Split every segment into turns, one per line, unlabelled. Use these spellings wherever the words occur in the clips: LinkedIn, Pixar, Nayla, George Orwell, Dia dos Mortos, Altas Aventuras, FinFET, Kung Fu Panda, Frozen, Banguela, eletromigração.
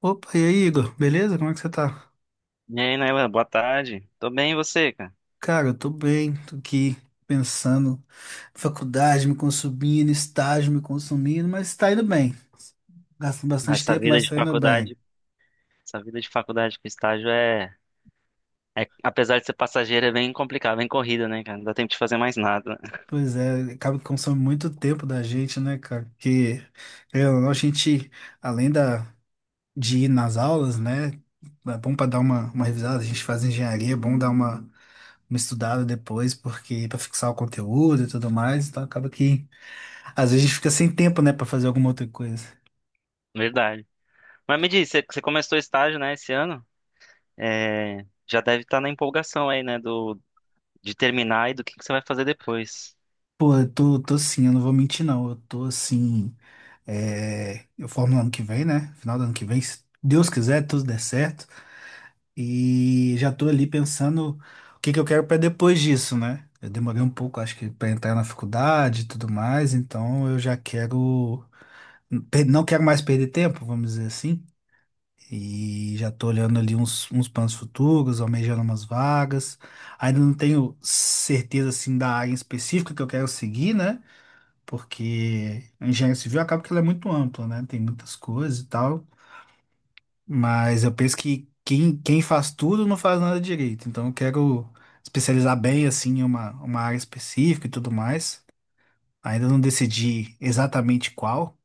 Opa, e aí, Igor? Beleza? Como é que você tá?
E aí, Nayla, boa tarde. Tô bem, e você, cara?
Cara, eu tô bem, tô aqui pensando, faculdade me consumindo, estágio me consumindo, mas tá indo bem. Gastando
Ah,
bastante
Essa
tempo,
vida
mas
de
tá indo bem.
faculdade, essa vida de faculdade com estágio apesar de ser passageira, é bem complicado, bem corrida, né, cara? Não dá tempo de fazer mais nada, né?
Pois é, acaba que consome muito tempo da gente, né, cara? Porque, querendo ou não, a gente, além da, de ir nas aulas, né, é bom pra dar uma revisada, a gente faz engenharia, é bom dar uma estudada depois, porque para fixar o conteúdo e tudo mais, então acaba que às vezes a gente fica sem tempo, né, pra fazer alguma outra coisa.
Verdade. Mas me diz, você começou estágio, né, esse ano? É, já deve estar na empolgação aí, né, de terminar e que você vai fazer depois.
Pô, eu tô assim, eu não vou mentir, não. Eu tô assim. Eu formo no ano que vem, né? Final do ano que vem, se Deus quiser, tudo der certo. E já tô ali pensando o que que eu quero pra depois disso, né? Eu demorei um pouco, acho que, pra entrar na faculdade e tudo mais, então eu já quero. Não quero mais perder tempo, vamos dizer assim. E já tô olhando ali uns planos futuros, almejando umas vagas. Ainda não tenho certeza, assim, da área específica que eu quero seguir, né? Porque a engenharia civil acaba que ela é muito ampla, né? Tem muitas coisas e tal. Mas eu penso que quem faz tudo não faz nada direito. Então eu quero especializar bem, assim, em uma área específica e tudo mais. Ainda não decidi exatamente qual.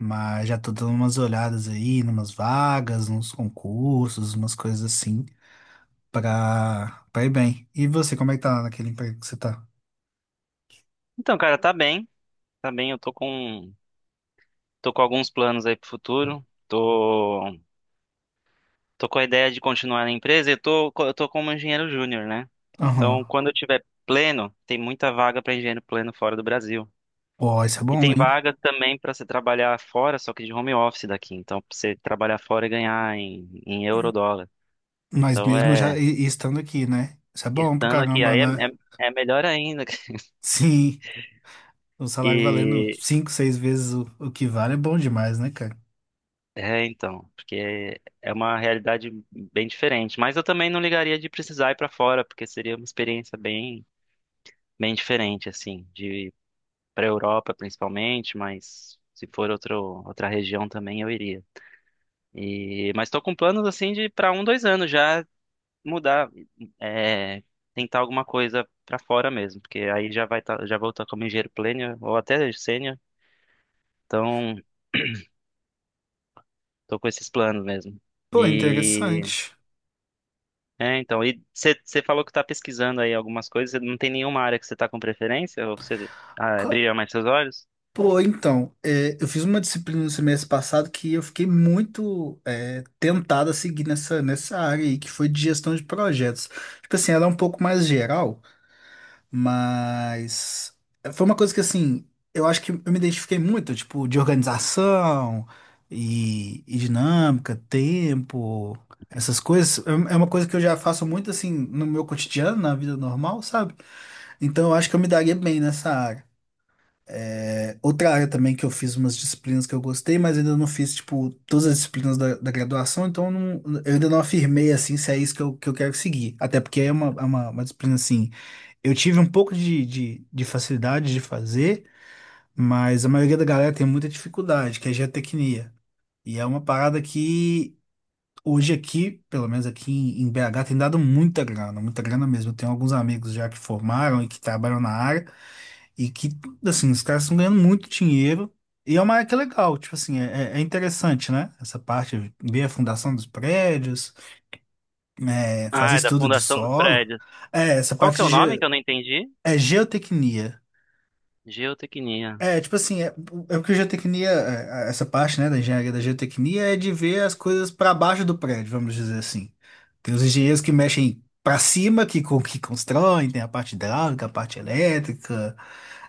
Mas já tô dando umas olhadas aí, numas vagas, nos concursos, umas coisas assim, pra ir bem. E você, como é que tá lá naquele emprego que você tá?
Então, cara, tá bem. Eu tô com alguns planos aí pro futuro. Tô com a ideia de continuar na empresa e eu eu tô como engenheiro júnior, né? Então,
Aham.
quando eu tiver pleno, tem muita vaga para engenheiro pleno fora do Brasil.
Ó, isso é
E
bom,
tem
hein?
vaga também para você trabalhar fora, só que de home office daqui. Então, pra você trabalhar fora e ganhar em euro dólar.
Mas
Então,
mesmo já e estando aqui, né? Isso é bom pra
estando aqui,
caramba, né?
é melhor ainda.
Sim, o salário valendo
E,
5, 6 vezes o que vale é bom demais, né, cara?
então, porque é uma realidade bem diferente. Mas eu também não ligaria de precisar ir para fora, porque seria uma experiência bem diferente, assim, para a Europa principalmente, mas se for outra região também eu iria. E, mas estou com planos assim de para um, dois anos já mudar, é, tentar alguma coisa para fora mesmo, porque aí já vai tá, já vou estar como engenheiro pleno ou até sênior, então estou com esses planos mesmo.
Pô,
E
interessante.
e você falou que está pesquisando aí algumas coisas, cê não tem nenhuma área que você está com preferência? Ou você,
Ca-
brilha mais seus olhos?
Pô, então, eu fiz uma disciplina no semestre passado que eu fiquei muito tentado a seguir nessa área aí, que foi de gestão de projetos. Tipo assim, ela é um pouco mais geral, mas foi uma coisa que, assim, eu acho que eu me identifiquei muito, tipo, de organização e dinâmica, tempo, essas coisas. É uma coisa que eu já faço muito, assim, no meu cotidiano, na vida normal, sabe? Então eu acho que eu me daria bem nessa área. É, outra área também que eu fiz umas disciplinas que eu gostei, mas ainda não fiz, tipo, todas as disciplinas da graduação, então eu ainda não afirmei, assim, se é isso que eu quero seguir. Até porque é uma disciplina, assim, eu tive um pouco de facilidade de fazer, mas a maioria da galera tem muita dificuldade, que é geotecnia. E é uma parada que hoje aqui, pelo menos aqui em BH, tem dado muita grana mesmo. Eu tenho alguns amigos já que formaram e que trabalham na área, e que, assim, os caras estão ganhando muito dinheiro. E é uma área que é legal, tipo assim, é interessante, né? Essa parte, ver a fundação dos prédios, fazer
Ah, é da
estudo de
fundação dos
solo.
prédios.
Essa
Qual
parte
que é o
de
nome que eu não entendi?
é geotecnia.
Geotecnia.
É, tipo assim, é o que a geotecnia, essa parte, né, da engenharia da geotecnia é de ver as coisas para baixo do prédio, vamos dizer assim. Tem os engenheiros que mexem para cima, que, que constroem, tem a parte hidráulica, a parte elétrica,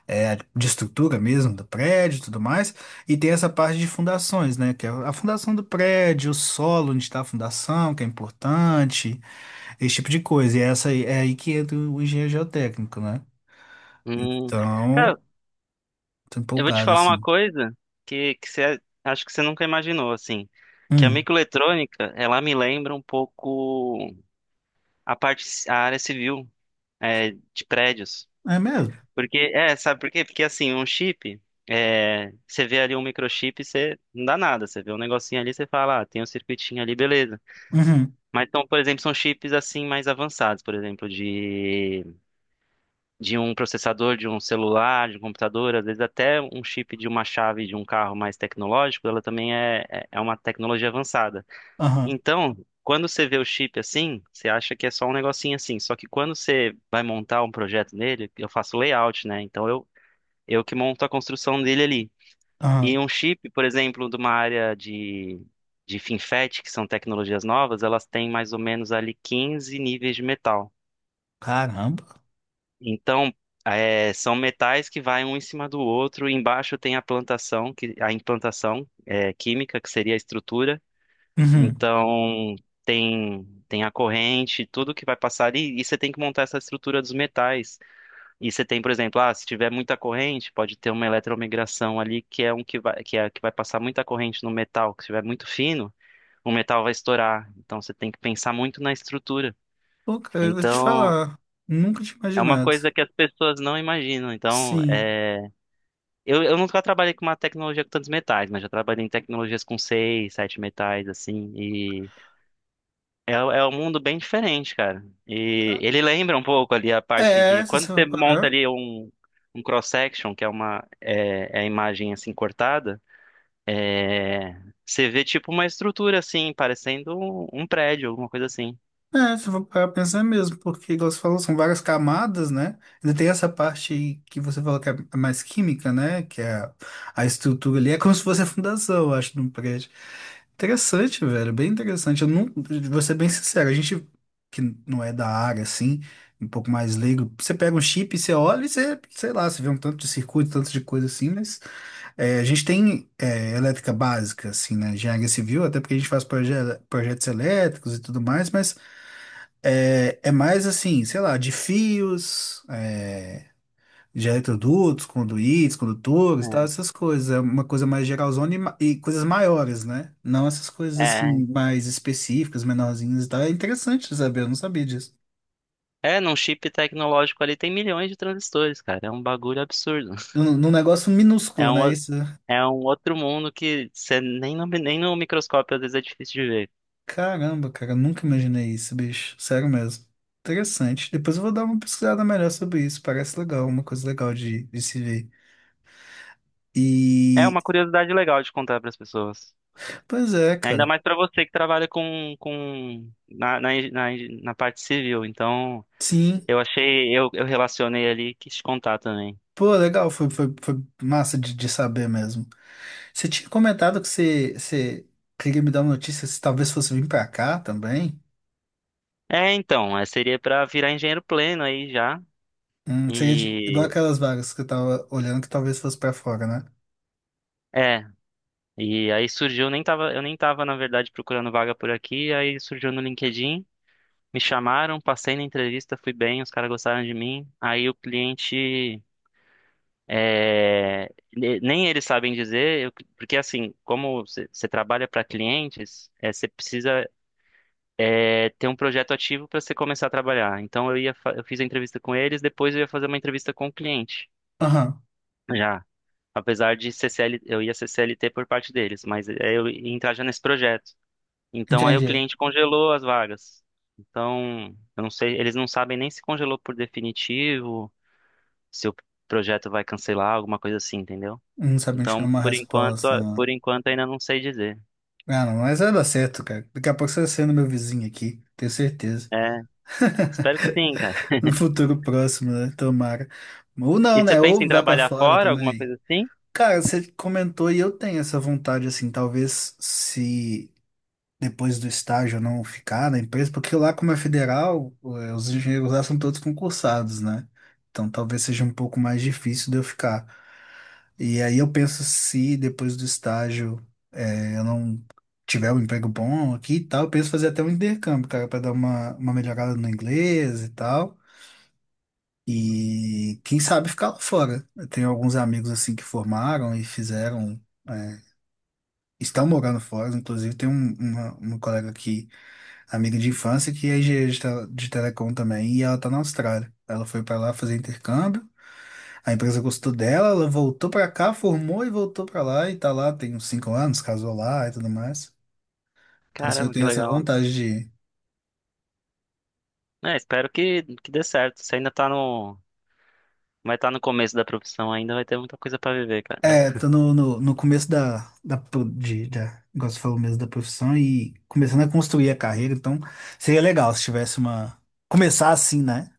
de estrutura mesmo do prédio e tudo mais. E tem essa parte de fundações, né, que é a fundação do prédio, o solo onde está a fundação, que é importante, esse tipo de coisa. É aí que entra o engenheiro geotécnico, né?
Hum. Cara,
Então, tô
eu vou te
empolgado,
falar uma
assim.
coisa que você, acho que você nunca imaginou, assim, que a
Hum.
microeletrônica, ela me lembra um pouco a área civil, é, de prédios.
É mesmo?
Porque, é, sabe por quê? Porque, assim, um chip, é, você vê ali um microchip, você não dá nada, você vê um negocinho ali, você fala, ah, tem um circuitinho ali, beleza.
Uhum,
Mas, então, por exemplo, são chips, assim, mais avançados, por exemplo, de um processador, de um celular, de um computador, às vezes até um chip de uma chave de um carro mais tecnológico, ela também é uma tecnologia avançada.
aham,
Então, quando você vê o chip assim, você acha que é só um negocinho assim. Só que quando você vai montar um projeto nele, eu faço layout, né? Eu que monto a construção dele ali.
aham.
E um chip, por exemplo, de uma área de FinFET, que são tecnologias novas, elas têm mais ou menos ali 15 níveis de metal.
Caramba.
Então, é, são metais que vai um em cima do outro. Embaixo tem a plantação, a implantação é, química, que seria a estrutura.
Uhum.
Então, tem a corrente, tudo que vai passar ali. E você tem que montar essa estrutura dos metais. E você tem, por exemplo, ah, se tiver muita corrente, pode ter uma eletromigração ali, que é um que vai, que é, que vai passar muita corrente no metal. Se tiver muito fino, o metal vai estourar. Então, você tem que pensar muito na estrutura.
Pô, cara, eu vou te
Então,
falar. Nunca tinha
é uma
imaginado.
coisa que as pessoas não imaginam. Então,
Sim.
é, eu nunca trabalhei com uma tecnologia com tantos metais, mas já trabalhei em tecnologias com seis, sete metais, assim, e é, é um mundo bem diferente, cara. E ele lembra um pouco ali a parte de
É, se você
quando
for
você monta
parar.
ali um cross-section, que é é a imagem assim cortada, é, você vê tipo uma estrutura assim, parecendo um prédio, alguma coisa assim.
É, se for parar pra pensar mesmo, porque, igual você falou, são várias camadas, né? Ainda tem essa parte que você falou que é mais química, né? Que é a estrutura ali, é como se fosse a fundação, eu acho, de um prédio. Interessante, velho, bem interessante. Eu não, vou ser bem sincero, a gente que não é da área, assim, um pouco mais leigo, você pega um chip, você olha e você, sei lá, você vê um tanto de circuito, tanto de coisa assim, mas a gente tem elétrica básica, assim, né? Engenharia civil, até porque a gente faz projetos elétricos e tudo mais, mas é mais assim, sei lá, de fios, de eletrodutos, conduítes, condutores, tal, essas coisas. É uma coisa mais geralzona e, e coisas maiores, né? Não essas coisas
É, é,
assim, mais específicas, menorzinhas e tal. É interessante saber, eu não sabia disso.
É, num chip tecnológico ali tem milhões de transistores, cara. É um bagulho absurdo.
Num negócio
É
minúsculo,
um,
né? Isso.
É um outro mundo que você nem nem no microscópio às vezes é difícil de ver.
Caramba, cara, eu nunca imaginei isso, bicho. Sério mesmo. Interessante. Depois eu vou dar uma pesquisada melhor sobre isso. Parece legal, uma coisa legal de se ver.
É
E.
uma curiosidade legal de contar para as pessoas.
Pois é,
Ainda
cara.
mais para você que trabalha com na, na, eng- na eng- na parte civil. Então,
Sim.
eu relacionei ali e quis contar também.
Pô, legal, foi massa de saber mesmo. Você tinha comentado que você queria me dar uma notícia se talvez fosse vir pra cá também.
É, então, é, seria para virar engenheiro pleno aí já.
Igual
E
aquelas vagas que eu tava olhando que talvez fosse pra fora, né?
é, e aí surgiu, nem tava, eu nem tava na verdade procurando vaga por aqui, aí surgiu no LinkedIn. Me chamaram, passei na entrevista, fui bem, os caras gostaram de mim. Aí o cliente, é, ne- nem eles sabem dizer, eu- porque assim, como você trabalha para clientes, é, você precisa é, ter um projeto ativo para você começar a trabalhar. Então eu fiz a entrevista com eles, depois eu ia fazer uma entrevista com o cliente,
Aham,
já. Apesar de CCL, eu ia ser CLT por parte deles, mas é, eu ia entrar já nesse projeto. Então aí o
entendi.
cliente congelou as vagas. Então, eu não sei, eles não sabem nem se congelou por definitivo, se o projeto vai cancelar, alguma coisa assim, entendeu?
Não sabia te dar
Então,
uma resposta, não.
por enquanto ainda não sei dizer.
Ah, não, mas vai dar certo, cara. Daqui a pouco você vai sendo meu vizinho aqui, tenho certeza.
É, espero que sim, cara.
No futuro próximo, né? Tomara. Ou não,
E você
né?
pensa
Ou
em
vai pra
trabalhar
fora
fora, alguma
também.
coisa assim?
Cara, você comentou e eu tenho essa vontade, assim, talvez se depois do estágio não ficar na empresa, porque lá como é federal, os engenheiros lá são todos concursados, né? Então talvez seja um pouco mais difícil de eu ficar. E aí eu penso se depois do estágio, eu não tiver um emprego bom aqui e tal, eu penso fazer até um intercâmbio, cara, para dar uma melhorada no inglês e tal. E quem sabe ficar lá fora. Eu tenho alguns amigos assim que formaram e fizeram, eh, estão morando fora, inclusive tem uma colega que amiga de infância que é engenheira de, de telecom também, e ela tá na Austrália. Ela foi pra lá fazer intercâmbio, a empresa gostou dela, ela voltou pra cá, formou e voltou pra lá, e tá lá tem uns 5 anos, casou lá e tudo mais. Então, assim, eu
Caramba, que
tenho essa
legal.
vontade de.
É, espero que dê certo. Você ainda tá no, vai estar no começo da profissão ainda, vai ter muita coisa pra viver, cara.
É, tô no começo da, igual você falou mesmo, da profissão e começando a construir a carreira, então seria legal se tivesse uma. Começar assim, né?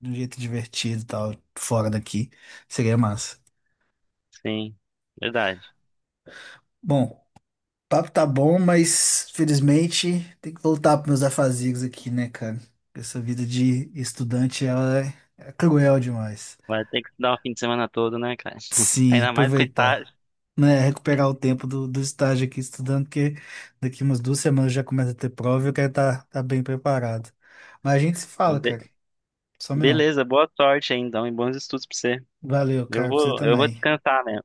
De um jeito divertido e tal, fora daqui, seria massa.
Sim, verdade.
Bom, papo tá bom, mas felizmente tem que voltar para meus afazigos aqui, né, cara? Essa vida de estudante, ela é, é cruel demais.
Vai ter que dar um fim de semana todo, né, cara?
Sim,
Ainda mais com estágio.
aproveitar, né? Recuperar o tempo do estágio aqui estudando, porque daqui umas 2 semanas já começa a ter prova e eu quero estar bem preparado. Mas a gente se fala, cara. Some não.
Beleza, boa sorte aí, então, e bons estudos pra você.
Valeu, cara, pra você
Eu vou
também.
descansar mesmo.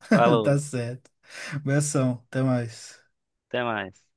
Tá
Falou,
certo. Abração, até mais.
até mais.